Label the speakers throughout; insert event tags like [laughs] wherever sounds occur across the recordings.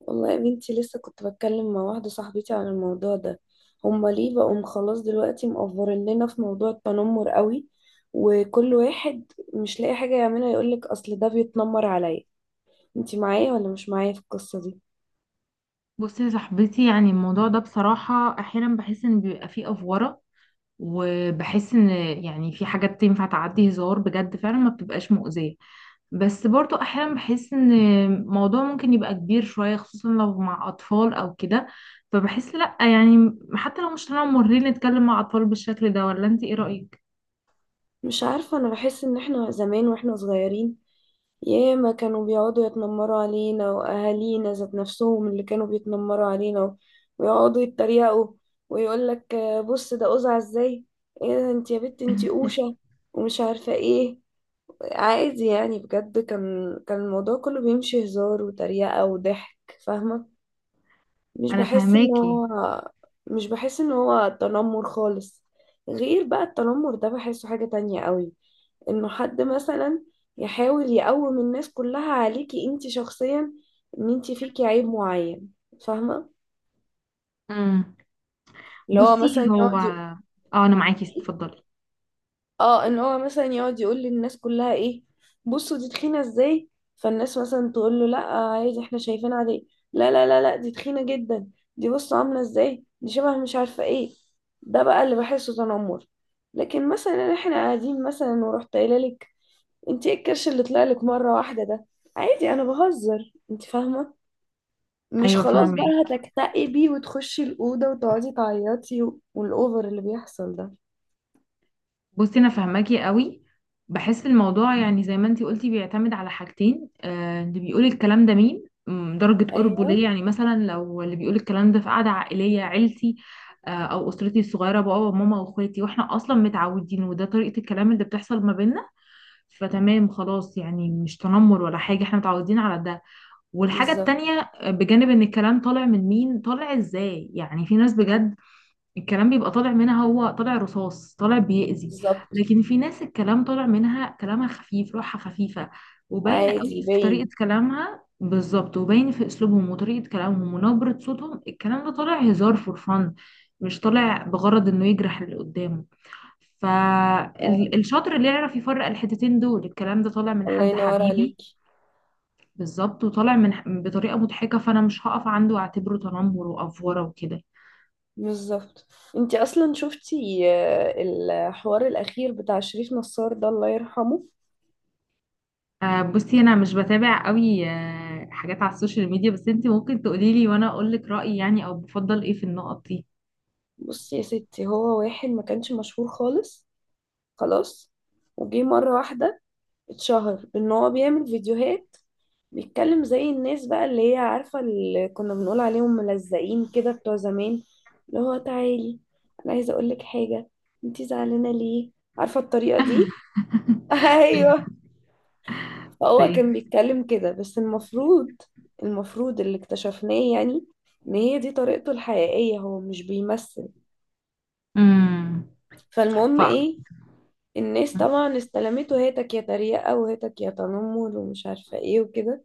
Speaker 1: والله يا بنتي لسه كنت بتكلم مع واحدة صاحبتي عن الموضوع ده. هما ليه بقوا خلاص دلوقتي مقفرين لنا في موضوع التنمر قوي؟ وكل واحد مش لاقي حاجة يعملها يقولك أصل ده بيتنمر عليا. انتي معايا ولا مش معايا في القصة دي؟
Speaker 2: بصي يا صاحبتي، يعني الموضوع ده بصراحة أحيانا بحس إن بيبقى فيه أفورة. وبحس إن، يعني في حاجات تنفع تعدي هزار، بجد فعلا ما بتبقاش مؤذية. بس برضو أحيانا بحس إن الموضوع ممكن يبقى كبير شوية، خصوصا لو مع أطفال أو كده. فبحس لأ، يعني حتى لو مش طالعة مورين نتكلم مع أطفال بالشكل ده. ولا أنت إيه رأيك؟
Speaker 1: مش عارفة، أنا بحس إن احنا زمان واحنا صغيرين ياما كانوا بيقعدوا يتنمروا علينا، وأهالينا ذات نفسهم اللي كانوا بيتنمروا علينا ويقعدوا يتريقوا ويقول لك بص ده قزع ازاي، ايه ده انت يا بنت انت قوشة، ومش عارفة ايه. عادي يعني، بجد كان الموضوع كله بيمشي هزار وتريقة وضحك، فاهمة؟ مش
Speaker 2: أنا
Speaker 1: بحس ان
Speaker 2: فهماكي.
Speaker 1: هو مش بحس ان هو تنمر خالص. غير بقى التنمر ده بحسه حاجة تانية قوي، انه حد مثلا يحاول يقوم الناس كلها عليكي انت شخصيا، ان انت فيكي عيب معين، فاهمه؟
Speaker 2: امم
Speaker 1: اللي هو
Speaker 2: بصي
Speaker 1: مثلا
Speaker 2: هو
Speaker 1: يقعد يقول،
Speaker 2: أنا معاكي، اتفضلي.
Speaker 1: اه، ان هو مثلا يقعد يقول للناس كلها ايه، بصوا دي تخينه ازاي. فالناس مثلا تقول له لا عادي احنا شايفين عادي. لا لا لا لا دي تخينه جدا، دي بصوا عامله ازاي، دي شبه مش عارفه ايه. ده بقى اللي بحسه تنمر. لكن مثلا احنا قاعدين مثلا ورحت قايله لك انت ايه الكرش اللي طلع لك مره واحده ده، عادي انا بهزر، انت فاهمه؟ مش
Speaker 2: أيوه
Speaker 1: خلاص
Speaker 2: فهماكي.
Speaker 1: بقى هتكتئبي وتخشي الاوضه وتقعدي تعيطي والاوفر اللي بيحصل ده.
Speaker 2: بصي انا فاهماكي قوي. بحس الموضوع يعني زي ما انتي قلتي بيعتمد على حاجتين. اللي بيقول الكلام ده مين، درجة قربه
Speaker 1: ايوه
Speaker 2: ليا. يعني مثلا لو اللي بيقول الكلام ده في قعدة عائلية عيلتي، او اسرتي الصغيرة، بابا وماما واخواتي، واحنا اصلا متعودين وده طريقة الكلام اللي بتحصل ما بيننا. فتمام خلاص، يعني مش تنمر ولا حاجة، احنا متعودين على ده. والحاجة التانية
Speaker 1: بالظبط.
Speaker 2: بجانب ان الكلام طالع من مين، طالع ازاي. يعني في ناس بجد الكلام بيبقى طالع منها، هو طالع رصاص، طالع بيأذي.
Speaker 1: بالظبط.
Speaker 2: لكن في ناس الكلام طالع منها كلامها خفيف، روحها خفيفة، وباين قوي
Speaker 1: عادي
Speaker 2: في طريقة
Speaker 1: باين.
Speaker 2: كلامها بالظبط، وباين في أسلوبهم وطريقة كلامهم ونبرة صوتهم، الكلام ده طالع هزار فور فن، مش طالع بغرض إنه يجرح اللي قدامه.
Speaker 1: آه،
Speaker 2: فالشاطر اللي يعرف يفرق الحتتين دول. الكلام ده طالع من
Speaker 1: الله
Speaker 2: حد
Speaker 1: ينور
Speaker 2: حبيبي
Speaker 1: عليكي.
Speaker 2: بالظبط، وطالع من بطريقة مضحكة، فأنا مش هقف عنده وأعتبره تنمر وأفورة وكده.
Speaker 1: بالظبط. انت اصلا شفتي، الحوار الاخير بتاع شريف نصار ده، الله يرحمه.
Speaker 2: بصي انا مش بتابع قوي حاجات على السوشيال ميديا، بس انت ممكن تقولي لي وانا اقول لك رايي، يعني او بفضل ايه في النقط دي.
Speaker 1: بصي يا ستي، هو واحد ما كانش مشهور خالص، خلاص. وجي مره واحده اتشهر بان هو بيعمل فيديوهات، بيتكلم زي الناس بقى اللي هي عارفة اللي كنا بنقول عليهم ملزقين كده بتوع زمان، اللي هو تعالي انا عايزة اقولك حاجة، انتي زعلانة ليه، عارفة الطريقة دي؟ [laughs]
Speaker 2: يعني
Speaker 1: ايوه.
Speaker 2: في
Speaker 1: هو كان بيتكلم كده. بس المفروض، المفروض اللي اكتشفناه يعني ان هي دي طريقته الحقيقية، هو مش بيمثل.
Speaker 2: امم ف
Speaker 1: فالمهم ايه، الناس طبعا استلمته، هاتك يا تريقة وهاتك يا تنمر ومش عارفة ايه وكده.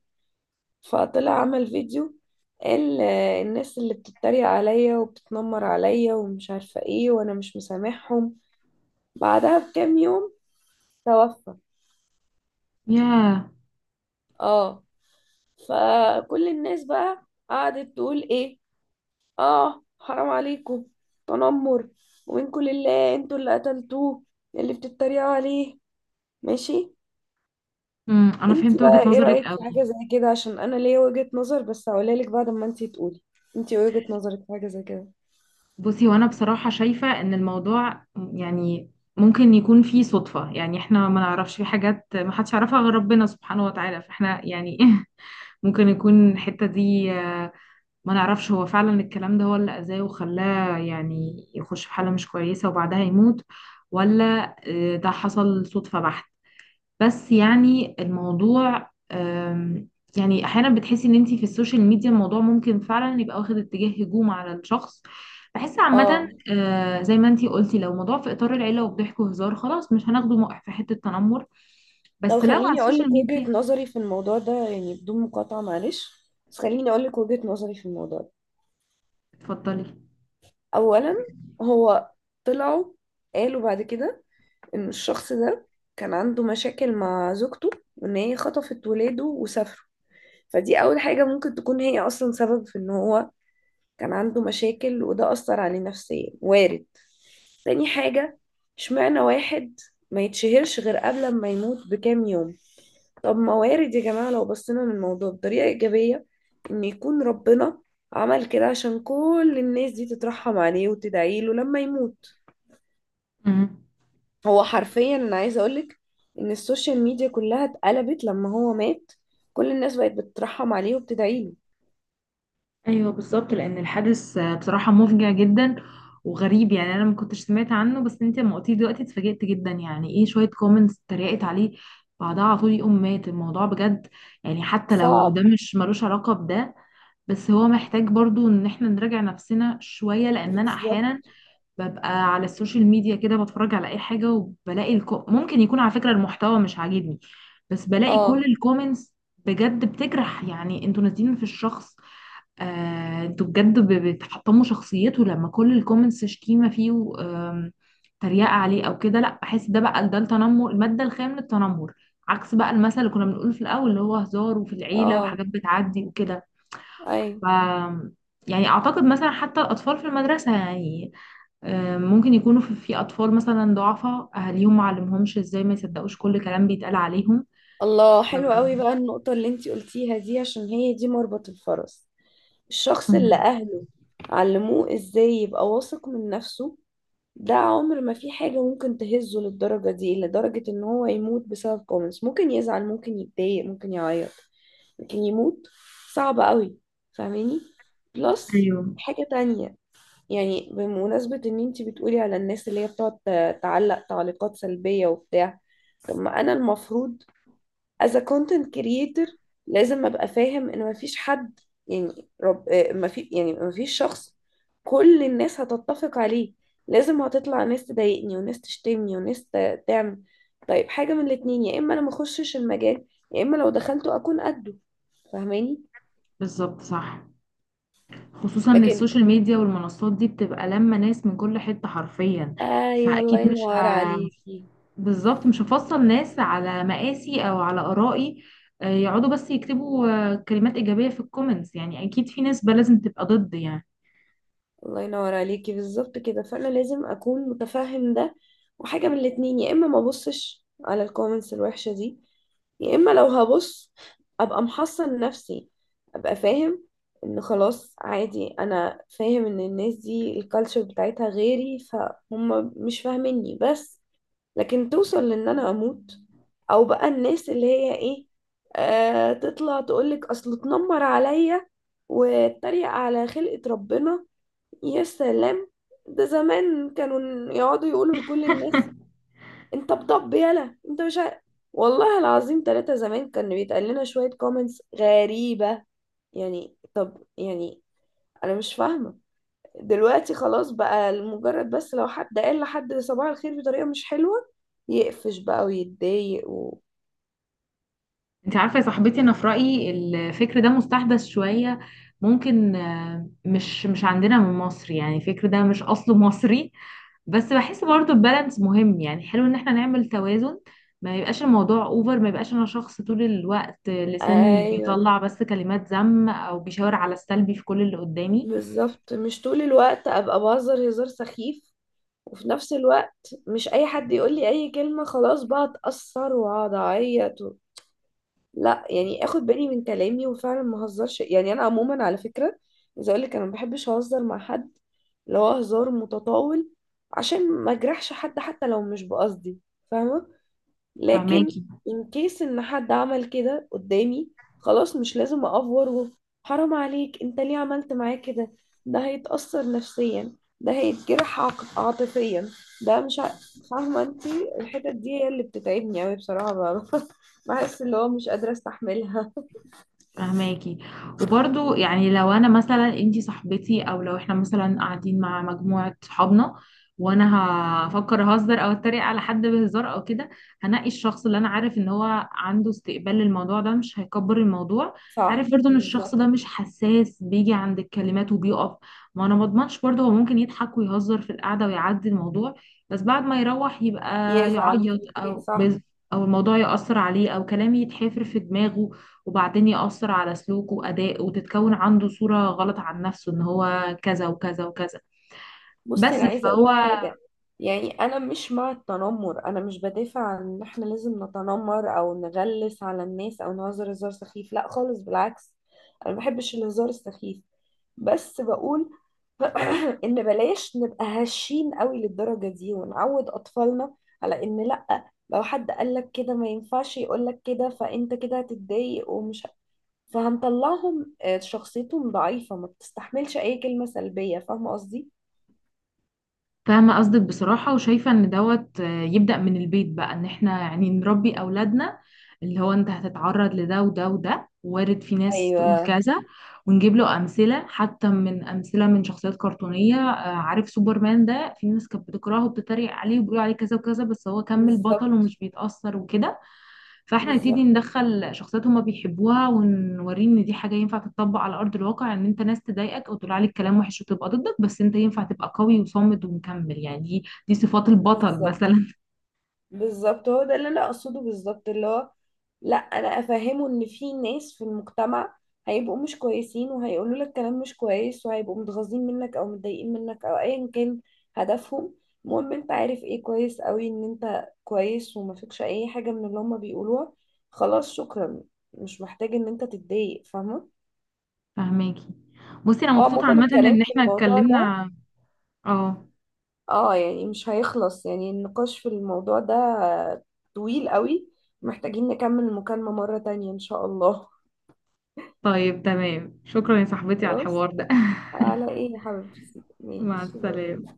Speaker 1: فطلع عمل فيديو، قال الناس اللي بتتريق عليا وبتتنمر عليا ومش عارفة ايه وانا مش مسامحهم. بعدها بكام يوم توفى.
Speaker 2: يا
Speaker 1: اه. فكل الناس بقى قعدت تقول ايه، اه حرام عليكم، تنمر، ومنكم لله انتوا اللي قتلتوه، اللي بتتريقوا عليه. ماشي.
Speaker 2: انا
Speaker 1: انت
Speaker 2: فهمت وجهة
Speaker 1: بقى ايه
Speaker 2: نظرك
Speaker 1: رأيك في
Speaker 2: قوي.
Speaker 1: حاجة زي كده؟ عشان انا ليا وجهة نظر بس هقولها لك بعد ما انت تقولي. انت وجهة نظرك في حاجة زي كده؟
Speaker 2: بصي وانا بصراحة شايفة ان الموضوع، يعني ممكن يكون فيه صدفة. يعني احنا ما نعرفش، في حاجات ما حدش يعرفها غير ربنا سبحانه وتعالى، فاحنا يعني [laughs] ممكن يكون الحتة دي ما نعرفش هو فعلا الكلام ده هو اللي أذاه وخلاه يعني يخش في حالة مش كويسة وبعدها يموت، ولا ده حصل صدفة بحت. بس يعني الموضوع يعني أحيانا بتحسي إن أنتي في السوشيال ميديا الموضوع ممكن فعلا يبقى واخد اتجاه هجوم على الشخص. بحس عامة
Speaker 1: اه.
Speaker 2: زي ما أنتي قلتي، لو موضوع في إطار العيلة وبضحك وهزار، خلاص مش هناخده موقف في حتة تنمر.
Speaker 1: لو
Speaker 2: بس لو على
Speaker 1: خليني اقول
Speaker 2: السوشيال
Speaker 1: لك
Speaker 2: ميديا،
Speaker 1: وجهة نظري في الموضوع ده يعني بدون مقاطعة، معلش، بس خليني اقول لك وجهة نظري في الموضوع ده.
Speaker 2: اتفضلي.
Speaker 1: اولا، هو طلعوا قالوا بعد كده ان الشخص ده كان عنده مشاكل مع زوجته، وان هي خطفت ولاده وسافروا. فدي اول حاجة، ممكن تكون هي اصلا سبب في ان هو كان عنده مشاكل وده اثر عليه نفسيا، وارد. تاني حاجة، اشمعنى واحد ما يتشهرش غير قبل ما يموت بكام يوم؟ طب ما وارد يا جماعة لو بصينا للموضوع بطريقة إيجابية، إن يكون ربنا عمل كده عشان كل الناس دي تترحم عليه وتدعي له لما يموت.
Speaker 2: مم.
Speaker 1: هو حرفيا أنا عايزة أقولك إن السوشيال ميديا كلها اتقلبت لما هو مات، كل الناس بقت بتترحم عليه وبتدعي له.
Speaker 2: ايوه بالظبط، لان الحادث بصراحه مفجع جدا وغريب. يعني انا ما كنتش سمعت عنه، بس انت لما قلتيه دلوقتي اتفاجئت جدا. يعني ايه شويه كومنتس اتريقت عليه بعدها على طول يقوم مات؟ الموضوع بجد، يعني حتى لو ده
Speaker 1: صعب.
Speaker 2: مش ملوش علاقه بده، بس هو محتاج برضو ان احنا نراجع نفسنا شويه. لان انا احيانا
Speaker 1: بالظبط.
Speaker 2: ببقى على السوشيال ميديا كده بتفرج على اي حاجه وبلاقي ممكن يكون على فكره المحتوى مش عاجبني، بس بلاقي كل
Speaker 1: اه.
Speaker 2: الكومنتس بجد بتجرح. يعني انتوا نازلين في الشخص، انتوا بجد بتحطموا شخصيته. لما كل الكومنتس شتيمة فيه و تريقة عليه او كده، لا بحس ده بقى، ده التنمر، المادة الخام للتنمر. عكس بقى المثل اللي كنا بنقوله في الاول اللي هو هزار وفي العيلة
Speaker 1: اه.
Speaker 2: وحاجات بتعدي وكده.
Speaker 1: ايوه.
Speaker 2: ف يعني اعتقد مثلا حتى الاطفال في المدرسة، يعني ممكن يكونوا في اطفال مثلا ضعفاء اهاليهم ما علمهمش ازاي ما يصدقوش كل كلام بيتقال عليهم.
Speaker 1: الله،
Speaker 2: ف-
Speaker 1: حلو قوي بقى النقطة اللي انتي قلتيها دي، عشان هي دي مربط الفرس. الشخص اللي
Speaker 2: مم.
Speaker 1: أهله علموه ازاي يبقى واثق من نفسه، ده عمر ما في حاجة ممكن تهزه للدرجة دي، لدرجة ان هو يموت بسبب كومنتس. ممكن يزعل، ممكن يتضايق، ممكن يعيط، لكن يموت، صعب قوي، فاهماني؟ بلس،
Speaker 2: ايوه
Speaker 1: حاجة تانية، يعني بمناسبة ان انتي بتقولي على الناس اللي هي بتقعد تعلق تعليقات سلبية وبتاع. طب ما انا المفروض as a content creator لازم ابقى فاهم ان مفيش حد، يعني رب، ما في، يعني مفيش شخص كل الناس هتتفق عليه. لازم هتطلع ناس تضايقني وناس تشتمني وناس تعمل. طيب حاجة من الاتنين، يا اما انا ما اخشش المجال، يا اما لو دخلته اكون قده، فاهماني؟
Speaker 2: بالظبط صح. خصوصا إن
Speaker 1: لكن،
Speaker 2: السوشيال ميديا والمنصات دي بتبقى لما ناس من كل حتة حرفيا،
Speaker 1: ايوه، الله
Speaker 2: فأكيد مش ه...
Speaker 1: ينور عليكي.
Speaker 2: بالظبط مش هفصل ناس على مقاسي أو على آرائي. يقعدوا بس يكتبوا كلمات إيجابية في الكومنتس. يعني أكيد في ناس بقى لازم تبقى ضد. يعني
Speaker 1: الله ينور عليكي بالظبط كده. فانا لازم اكون متفهم ده، وحاجة من الاتنين، يا اما ما ابصش على الكومنتس الوحشة دي، يا اما لو هبص ابقى محصن نفسي، ابقى فاهم ان خلاص عادي، انا فاهم ان الناس دي الكالتشر بتاعتها غيري فهم مش فاهميني بس. لكن توصل لان انا اموت، او بقى الناس اللي هي ايه، آه، تطلع تقولك اصل اتنمر عليا واتريق على خلقة ربنا، يا سلام! ده زمان كانوا يقعدوا يقولوا لكل الناس انت بطب يلا انت مش عارف. والله العظيم ثلاثة، زمان كان بيتقال لنا شوية كومنتس غريبة. يعني طب يعني انا مش فاهمة، دلوقتي خلاص بقى لمجرد بس لو حد قال لحد صباح الخير بطريقة مش حلوة يقفش بقى ويتضايق و...
Speaker 2: أنت عارفة يا صاحبتي، أنا في رأيي الفكر ده مستحدث شوية. ممكن مش عندنا من مصر، يعني الفكر ده مش أصله مصري. بس بحس برضو البالانس مهم، يعني حلو ان احنا نعمل توازن. ما يبقاش الموضوع اوفر، ما يبقاش انا شخص طول الوقت لساني
Speaker 1: ايوه
Speaker 2: بيطلع بس كلمات ذم او بيشاور على السلبي في كل اللي قدامي.
Speaker 1: بالظبط، مش طول الوقت ابقى بهزر هزار سخيف، وفي نفس الوقت مش اي حد يقول لي اي كلمة خلاص بقى اتأثر واقعد اعيط. لا يعني اخد بالي من كلامي وفعلا ما اهزرش، يعني انا عموما على فكره عايزه اقول لك انا ما بحبش اهزر مع حد، اللي هو هزار متطاول، عشان ما اجرحش حد حتى لو مش بقصدي، فاهمه؟ لكن
Speaker 2: فهماكي.
Speaker 1: ان كيس ان حد عمل كده قدامي، خلاص مش لازم اقفور حرام عليك انت ليه عملت معاه كده، ده هيتأثر نفسيا، ده هيتجرح عاطفيا، ده مش ع- فاهمة انت؟ الحتت دي هي اللي بتتعبني اوي بصراحة، [laughs] بحس اللي هو مش قادرة استحملها.
Speaker 2: فهماكي. وبرضو يعني لو انا مثلا انتي صاحبتي، او لو احنا مثلا قاعدين مع مجموعة صحابنا وانا هفكر اهزر او اتريق على حد بهزار او كده، هنقي الشخص اللي انا عارف ان هو عنده استقبال للموضوع ده، مش هيكبر الموضوع.
Speaker 1: صح
Speaker 2: عارف برضو ان الشخص
Speaker 1: بالظبط.
Speaker 2: ده مش حساس بيجي عند الكلمات وبيقف. ما انا ما اضمنش برضو، هو ممكن يضحك ويهزر في القعدة ويعدي الموضوع، بس بعد ما يروح يبقى
Speaker 1: يزعل في
Speaker 2: يعيط
Speaker 1: البيت،
Speaker 2: او
Speaker 1: صح.
Speaker 2: بز، او الموضوع يأثر عليه، او كلامي يتحفر في دماغه وبعدين يأثر على سلوكه وأدائه، وتتكون عنده صورة غلط عن نفسه إن هو كذا وكذا وكذا.
Speaker 1: بصي انا
Speaker 2: بس
Speaker 1: عايزه اقول
Speaker 2: فهو.
Speaker 1: لك حاجه، يعني انا مش مع التنمر، انا مش بدافع عن ان احنا لازم نتنمر او نغلس على الناس او نهزر هزار سخيف، لا خالص، بالعكس، انا ما بحبش الهزار السخيف. بس بقول [clears throat] ان بلاش نبقى هشين قوي للدرجه دي، ونعود اطفالنا على ان لا لو حد قال لك كده ما ينفعش يقول لك كده فانت كده هتتضايق فهنطلعهم، آه، شخصيتهم ضعيفه ما بتستحملش اي كلمه سلبيه، فاهمه قصدي؟
Speaker 2: فاهمة قصدك بصراحة، وشايفة إن دوت يبدأ من البيت بقى. إن إحنا يعني نربي أولادنا، اللي هو أنت هتتعرض لده وده وده، وارد في ناس تقول كذا، ونجيب له أمثلة حتى من أمثلة من شخصيات كرتونية. عارف سوبرمان ده، في ناس كانت بتكرهه وبتتريق عليه وبيقولوا عليه كذا وكذا، بس هو كمل بطل
Speaker 1: بالظبط
Speaker 2: ومش بيتأثر وكده. فاحنا نبتدي
Speaker 1: بالظبط
Speaker 2: ندخل شخصيات هما بيحبوها ونوريه ان دي حاجه ينفع تتطبق على ارض الواقع، ان انت ناس تضايقك او تقول عليك كلام وحش وتبقى ضدك، بس انت ينفع تبقى قوي وصامد ومكمل. يعني دي صفات البطل
Speaker 1: بالظبط
Speaker 2: مثلا.
Speaker 1: بالظبط هو ده اللي انا اقصده بالظبط. اللي هو لا، انا افهمه ان في ناس في المجتمع هيبقوا مش كويسين وهيقولوا لك كلام مش كويس وهيبقوا متغاظين منك او متضايقين منك او ايا كان هدفهم. المهم انت عارف ايه، كويس قوي ان انت كويس وما فيكش اي حاجة من اللي هما بيقولوها، خلاص، شكرا، مش محتاج ان انت تتضايق، فاهمة؟
Speaker 2: [laughs] فهماكي. بصي انا
Speaker 1: اه
Speaker 2: مبسوطه
Speaker 1: عموما
Speaker 2: عامه
Speaker 1: الكلام
Speaker 2: ان
Speaker 1: في
Speaker 2: احنا
Speaker 1: الموضوع ده،
Speaker 2: اتكلمنا. اه
Speaker 1: اه، يعني مش هيخلص، يعني النقاش في الموضوع ده طويل قوي، محتاجين نكمل المكالمة مرة تانية إن شاء الله.
Speaker 2: طيب تمام، شكرا يا صاحبتي على
Speaker 1: خلاص،
Speaker 2: الحوار ده.
Speaker 1: على ايه يا حبيبتي،
Speaker 2: [laughs] مع
Speaker 1: ماشي، باي.
Speaker 2: السلامه.